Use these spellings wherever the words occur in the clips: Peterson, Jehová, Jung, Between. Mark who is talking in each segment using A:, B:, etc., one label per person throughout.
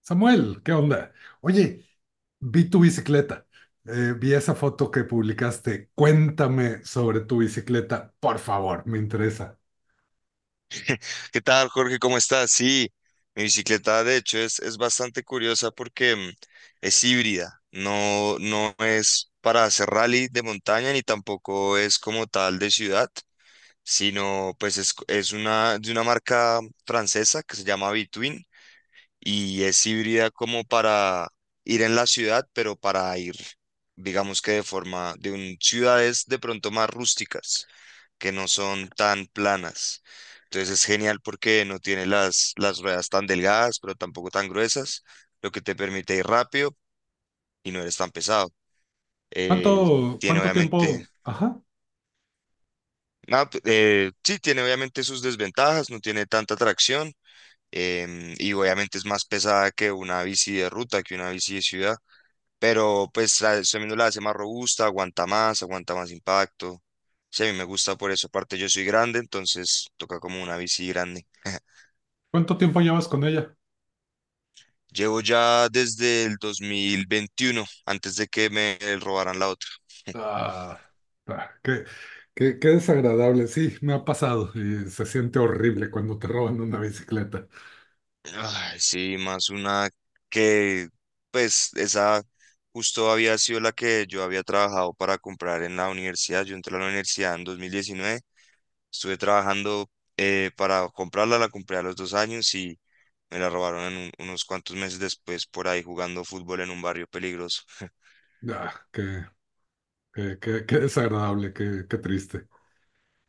A: Samuel, ¿qué onda? Oye, vi tu bicicleta, vi esa foto que publicaste. Cuéntame sobre tu bicicleta, por favor, me interesa.
B: ¿Qué tal, Jorge? ¿Cómo estás? Sí, mi bicicleta de hecho es bastante curiosa porque es híbrida, no, no es para hacer rally de montaña ni tampoco es como tal de ciudad, sino pues es una de una marca francesa que se llama Between y es híbrida como para ir en la ciudad, pero para ir, digamos que de forma de un, ciudades de pronto más rústicas que no son tan planas. Entonces es genial porque no tiene las ruedas tan delgadas, pero tampoco tan gruesas, lo que te permite ir rápido y no eres tan pesado. Eh,
A: ¿Cuánto,
B: Tiene
A: cuánto
B: obviamente,
A: tiempo, ajá,
B: no, sí, tiene obviamente sus desventajas, no tiene tanta tracción, y obviamente es más pesada que una bici de ruta, que una bici de ciudad, pero pues eso mismo la hace más robusta, aguanta más impacto. Sí, a mí me gusta por eso. Aparte, yo soy grande, entonces toca como una bici grande.
A: cuánto tiempo llevas con ella?
B: Llevo ya desde el 2021, antes de que me robaran la otra.
A: Ah, ah, qué desagradable, sí, me ha pasado y se siente horrible cuando te roban una bicicleta.
B: Ay, sí, más una que, pues, esa justo había sido la que yo había trabajado para comprar en la universidad. Yo entré a la universidad en 2019, estuve trabajando para comprarla, la compré a los dos años y me la robaron en unos cuantos meses después por ahí jugando fútbol en un barrio peligroso.
A: Ah, qué desagradable, qué triste.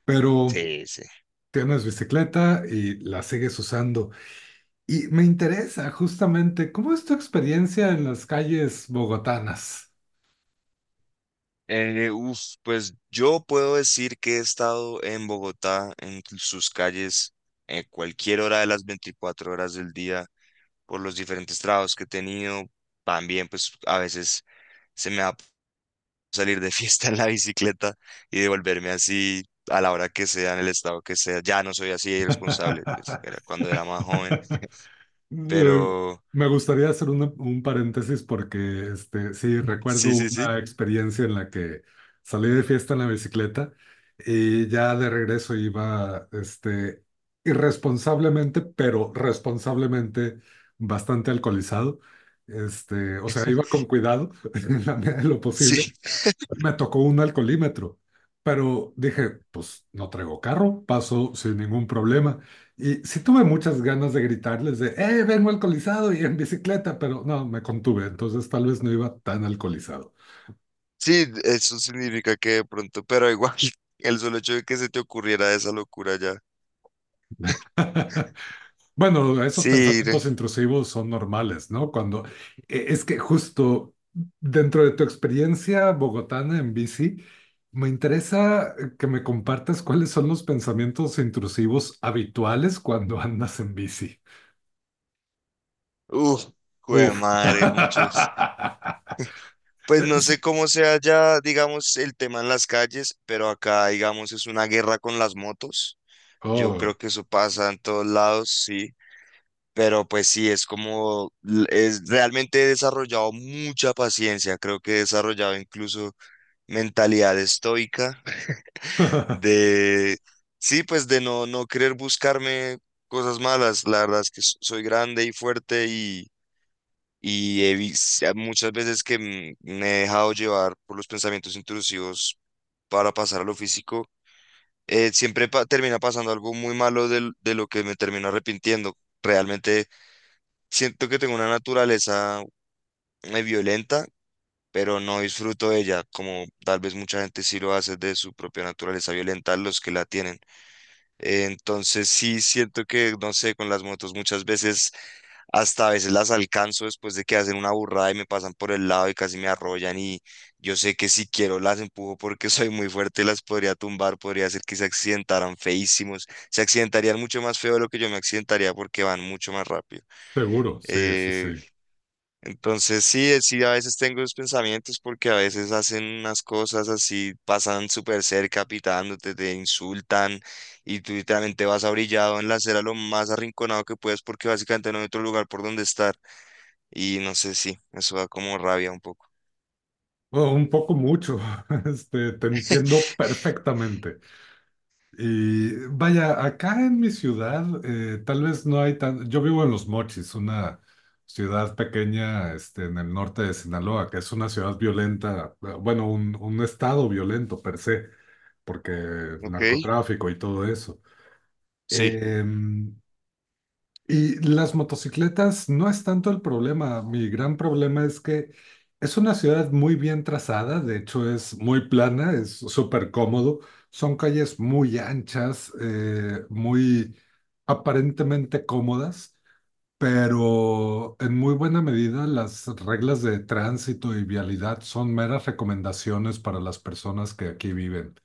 A: Pero
B: Sí, sí.
A: tienes bicicleta y la sigues usando. Y me interesa justamente, ¿cómo es tu experiencia en las calles bogotanas?
B: Uf, pues yo puedo decir que he estado en Bogotá, en sus calles, en cualquier hora de las 24 horas del día, por los diferentes trabajos que he tenido. También, pues a veces se me va salir de fiesta en la bicicleta y devolverme así a la hora que sea, en el estado que sea. Ya no soy así de irresponsable, pues era cuando era más joven,
A: Eh,
B: pero
A: Me gustaría hacer un paréntesis porque sí,
B: sí,
A: recuerdo
B: sí, sí.
A: una experiencia en la que salí de fiesta en la bicicleta y ya de regreso iba irresponsablemente, pero responsablemente bastante alcoholizado. O sea, iba con cuidado en la medida de lo posible
B: Sí,
A: y me tocó un alcoholímetro, pero dije, pues no traigo carro, paso sin ningún problema. Y sí tuve muchas ganas de gritarles de, vengo alcoholizado y en bicicleta, pero no, me contuve, entonces tal vez no iba tan alcoholizado.
B: sí, eso significa que de pronto, pero igual, el solo hecho de que se te ocurriera esa locura ya.
A: Bueno, esos
B: Sí, re-
A: pensamientos intrusivos son normales, ¿no? Cuando es que justo dentro de tu experiencia bogotana en bici, me interesa que me compartas cuáles son los pensamientos intrusivos habituales cuando andas en bici.
B: Uf, jue
A: Uf.
B: madre, muchos. Pues no
A: Es-
B: sé cómo sea ya, digamos, el tema en las calles, pero acá, digamos, es una guerra con las motos. Yo
A: Oh.
B: creo que eso pasa en todos lados, sí. Pero pues sí, es como, es realmente he desarrollado mucha paciencia, creo que he desarrollado incluso mentalidad estoica de, sí, pues de no, no querer buscarme cosas malas. La verdad es que soy grande y fuerte y muchas veces que me he dejado llevar por los pensamientos intrusivos para pasar a lo físico. Eh, siempre termina pasando algo muy malo de lo que me termino arrepintiendo. Realmente siento que tengo una naturaleza violenta, pero no disfruto de ella, como tal vez mucha gente sí lo hace de su propia naturaleza violenta, los que la tienen. Entonces sí siento que, no sé, con las motos muchas veces, hasta a veces las alcanzo después de que hacen una burrada y me pasan por el lado y casi me arrollan y yo sé que si quiero las empujo porque soy muy fuerte y las podría tumbar, podría hacer que se accidentaran feísimos, se accidentarían mucho más feo de lo que yo me accidentaría porque van mucho más rápido.
A: Seguro, sí, sí, sí.
B: Eh, entonces sí, sí, a veces tengo esos pensamientos porque a veces hacen unas cosas así, pasan súper cerca pitándote, te insultan y tú literalmente vas abrillado en la acera lo más arrinconado que puedes porque básicamente no hay otro lugar por donde estar. Y no sé, sí, eso da como rabia un poco.
A: Oh, un poco mucho. Este, te entiendo perfectamente. Y vaya, acá en mi ciudad, tal vez no hay tan... Yo vivo en Los Mochis, una ciudad pequeña, en el norte de Sinaloa, que es una ciudad violenta, bueno, un estado violento per se, porque
B: Ok,
A: narcotráfico y todo eso.
B: sí,
A: Em, y las motocicletas no es tanto el problema. Mi gran problema es que es una ciudad muy bien trazada, de hecho es muy plana, es súper cómodo. Son calles muy anchas, muy aparentemente cómodas, pero en muy buena medida las reglas de tránsito y vialidad son meras recomendaciones para las personas que aquí viven.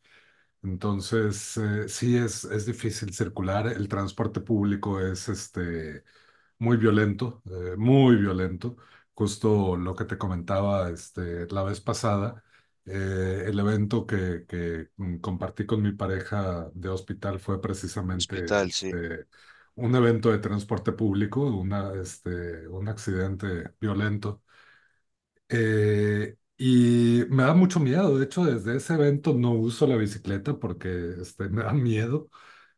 A: Entonces, es difícil circular, el transporte público es muy violento, muy violento. Justo lo que te comentaba la vez pasada, el evento que compartí con mi pareja de hospital fue
B: el
A: precisamente
B: hospital, sí.
A: un evento de transporte público, un accidente violento. Y me da mucho miedo, de hecho, desde ese evento no uso la bicicleta porque me da miedo.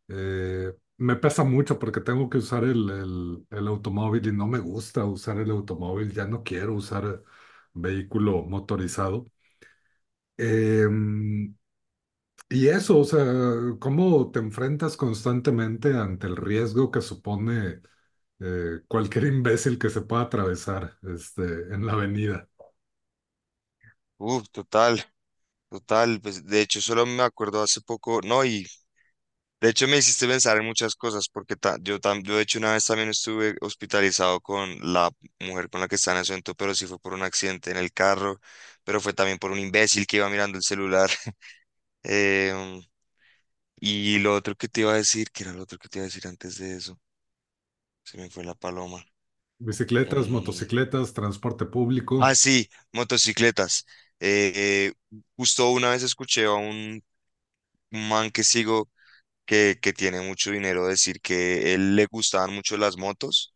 A: Eh, me pesa mucho porque tengo que usar el automóvil y no me gusta usar el automóvil, ya no quiero usar vehículo motorizado. Em, y eso, o sea, cómo te enfrentas constantemente ante el riesgo que supone cualquier imbécil que se pueda atravesar en la avenida.
B: Uf, total, total. Pues de hecho solo me acuerdo hace poco, no, y de hecho, me hiciste pensar en muchas cosas, porque yo, yo de hecho una vez también estuve hospitalizado con la mujer con la que estaba en ese momento, pero sí fue por un accidente en el carro, pero fue también por un imbécil que iba mirando el celular. Em, ¿Y lo otro que te iba a decir, que era lo otro que te iba a decir antes de eso? Se me fue la paloma.
A: Bicicletas,
B: Em,
A: motocicletas, transporte público.
B: ah, sí, motocicletas. Justo una vez escuché a un man que sigo que tiene mucho dinero decir que él le gustaban mucho las motos,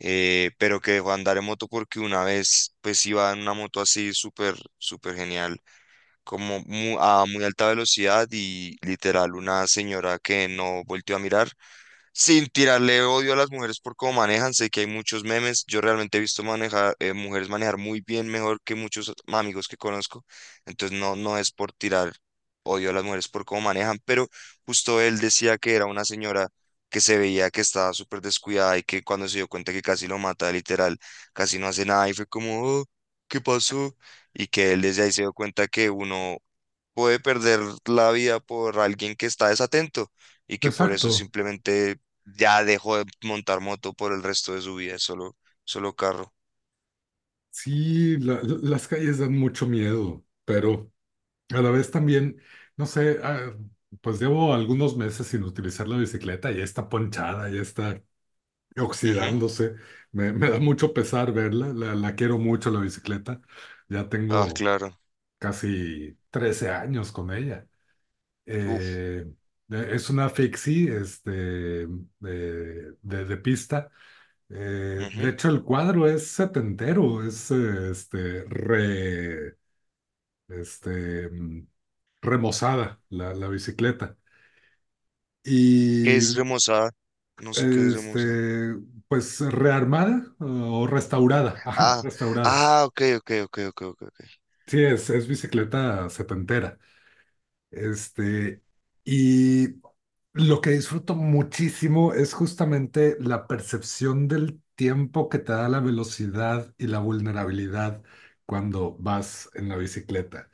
B: pero que dejó de andar en moto porque una vez pues iba en una moto así súper, súper genial, como a muy alta velocidad y literal una señora que no volteó a mirar, sin tirarle odio a las mujeres por cómo manejan. Sé que hay muchos memes. Yo realmente he visto manejar, mujeres manejar muy bien, mejor que muchos amigos que conozco. Entonces no, no es por tirar odio a las mujeres por cómo manejan, pero justo él decía que era una señora que se veía que estaba súper descuidada y que cuando se dio cuenta que casi lo mata, literal, casi no hace nada y fue como: "Oh, ¿qué pasó?". Y que él desde ahí se dio cuenta que uno puede perder la vida por alguien que está desatento y que por eso
A: Exacto.
B: simplemente ya dejó de montar moto por el resto de su vida, es solo, solo carro.
A: Sí, las calles dan mucho miedo, pero... A la vez también, no sé, ah, pues llevo algunos meses sin utilizar la bicicleta, ya está ponchada, ya está
B: Ujú.
A: oxidándose. Me da mucho pesar verla, la quiero mucho la bicicleta. Ya
B: Ah,
A: tengo
B: claro.
A: casi 13 años con ella.
B: Uf.
A: Eh, eh, es una fixie, de, de pista. De
B: Ujú.
A: hecho, el cuadro es setentero, es este, remozada la bicicleta.
B: ¿Qué
A: Y
B: es remozada? No sé qué es remozada.
A: este, pues rearmada o restaurada. Ajá,
B: Ah,
A: restaurada.
B: ah, ok, ok, ok, ok, ok, ok.
A: Sí, es bicicleta setentera. Este, y lo que disfruto muchísimo es justamente la percepción del tiempo que te da la velocidad y la vulnerabilidad cuando vas en la bicicleta.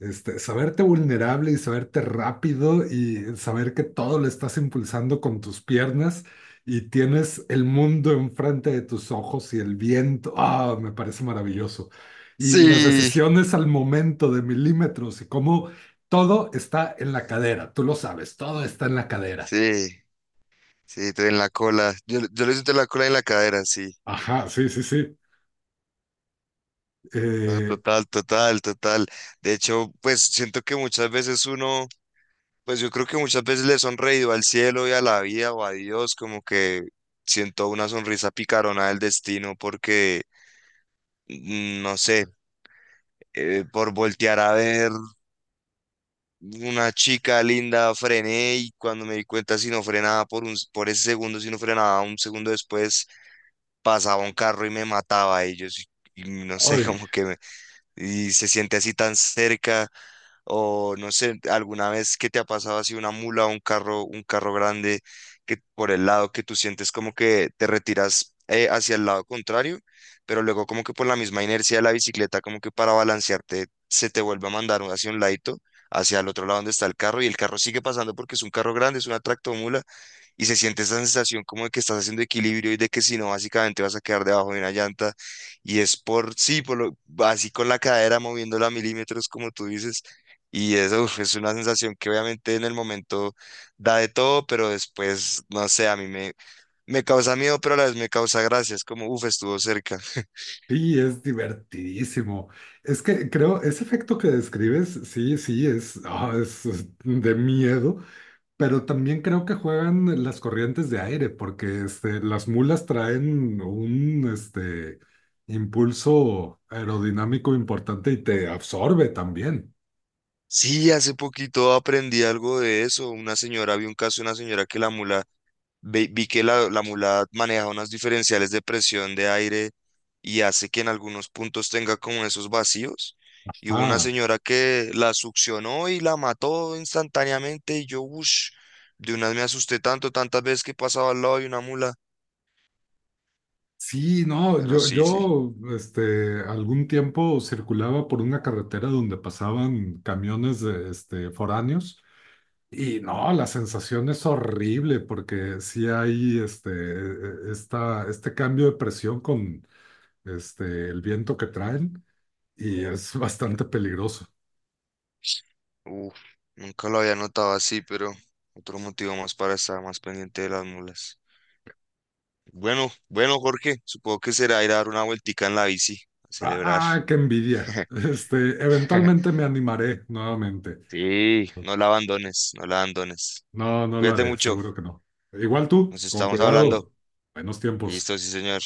A: Este, saberte vulnerable y saberte rápido y saber que todo lo estás impulsando con tus piernas y tienes el mundo enfrente de tus ojos y el viento. Ah, me parece maravilloso. Y las
B: Sí,
A: decisiones al momento de milímetros y cómo todo está en la cadera. Tú lo sabes, todo está en la cadera.
B: sí, sí, en la cola. Yo le siento la cola en la cadera, sí.
A: Ajá, sí, sí, sí.
B: No,
A: Eh,
B: total, total, total. De hecho, pues siento que muchas veces uno, pues yo creo que muchas veces le he sonreído al cielo y a la vida o a Dios, como que siento una sonrisa picarona del destino porque, no sé, por voltear a ver una chica linda frené y cuando me di cuenta si no frenaba por un, por ese segundo, si no frenaba un segundo después, pasaba un carro y me mataba a ellos. Y yo sí, y no sé,
A: ay,
B: como que me, y se siente así tan cerca. O no sé, alguna vez que te ha pasado así una mula o un carro grande que por el lado que tú sientes como que te retiras hacia el lado contrario, pero luego como que por la misma inercia de la bicicleta, como que para balancearte se te vuelve a mandar hacia un ladito, hacia el otro lado donde está el carro y el carro sigue pasando porque es un carro grande, es una tractomula y se siente esa sensación como de que estás haciendo equilibrio y de que si no, básicamente vas a quedar debajo de una llanta y es por, sí, por lo, así con la cadera moviéndola a milímetros, como tú dices, y eso uf, es una sensación que obviamente en el momento da de todo, pero después, no sé, a mí me, me causa miedo, pero a la vez me causa gracia. Es como, uff, estuvo cerca.
A: Sí, es divertidísimo. Es que creo, ese efecto que describes, sí, sí, es, ah, es de miedo, pero también creo que juegan las corrientes de aire, porque las mulas traen un impulso aerodinámico importante y te absorbe también.
B: Sí, hace poquito aprendí algo de eso. Una señora, vi un caso de una señora que la mula, vi que la mula maneja unos diferenciales de presión de aire y hace que en algunos puntos tenga como esos vacíos. Y hubo una
A: Ah,
B: señora que la succionó y la mató instantáneamente. Y yo, uff, de unas me asusté tanto, tantas veces que pasaba al lado de una mula.
A: sí, no,
B: Pero sí, sí,
A: yo algún tiempo circulaba por una carretera donde pasaban camiones de, foráneos. Y no, la sensación es horrible porque sí hay este cambio de presión con el viento que traen y es bastante peligroso.
B: uff, nunca lo había notado así, pero otro motivo más para estar más pendiente de las mulas. Bueno, bueno, Jorge, supongo que será ir a dar una vueltica en la bici, a celebrar.
A: ¡Ah, qué envidia! Este, eventualmente me animaré nuevamente.
B: Sí, no la abandones, no la abandones.
A: No, no lo
B: Cuídate
A: haré,
B: mucho,
A: seguro que no. Igual tú,
B: nos
A: con
B: estamos hablando.
A: cuidado. Buenos tiempos.
B: Listo, sí, señor.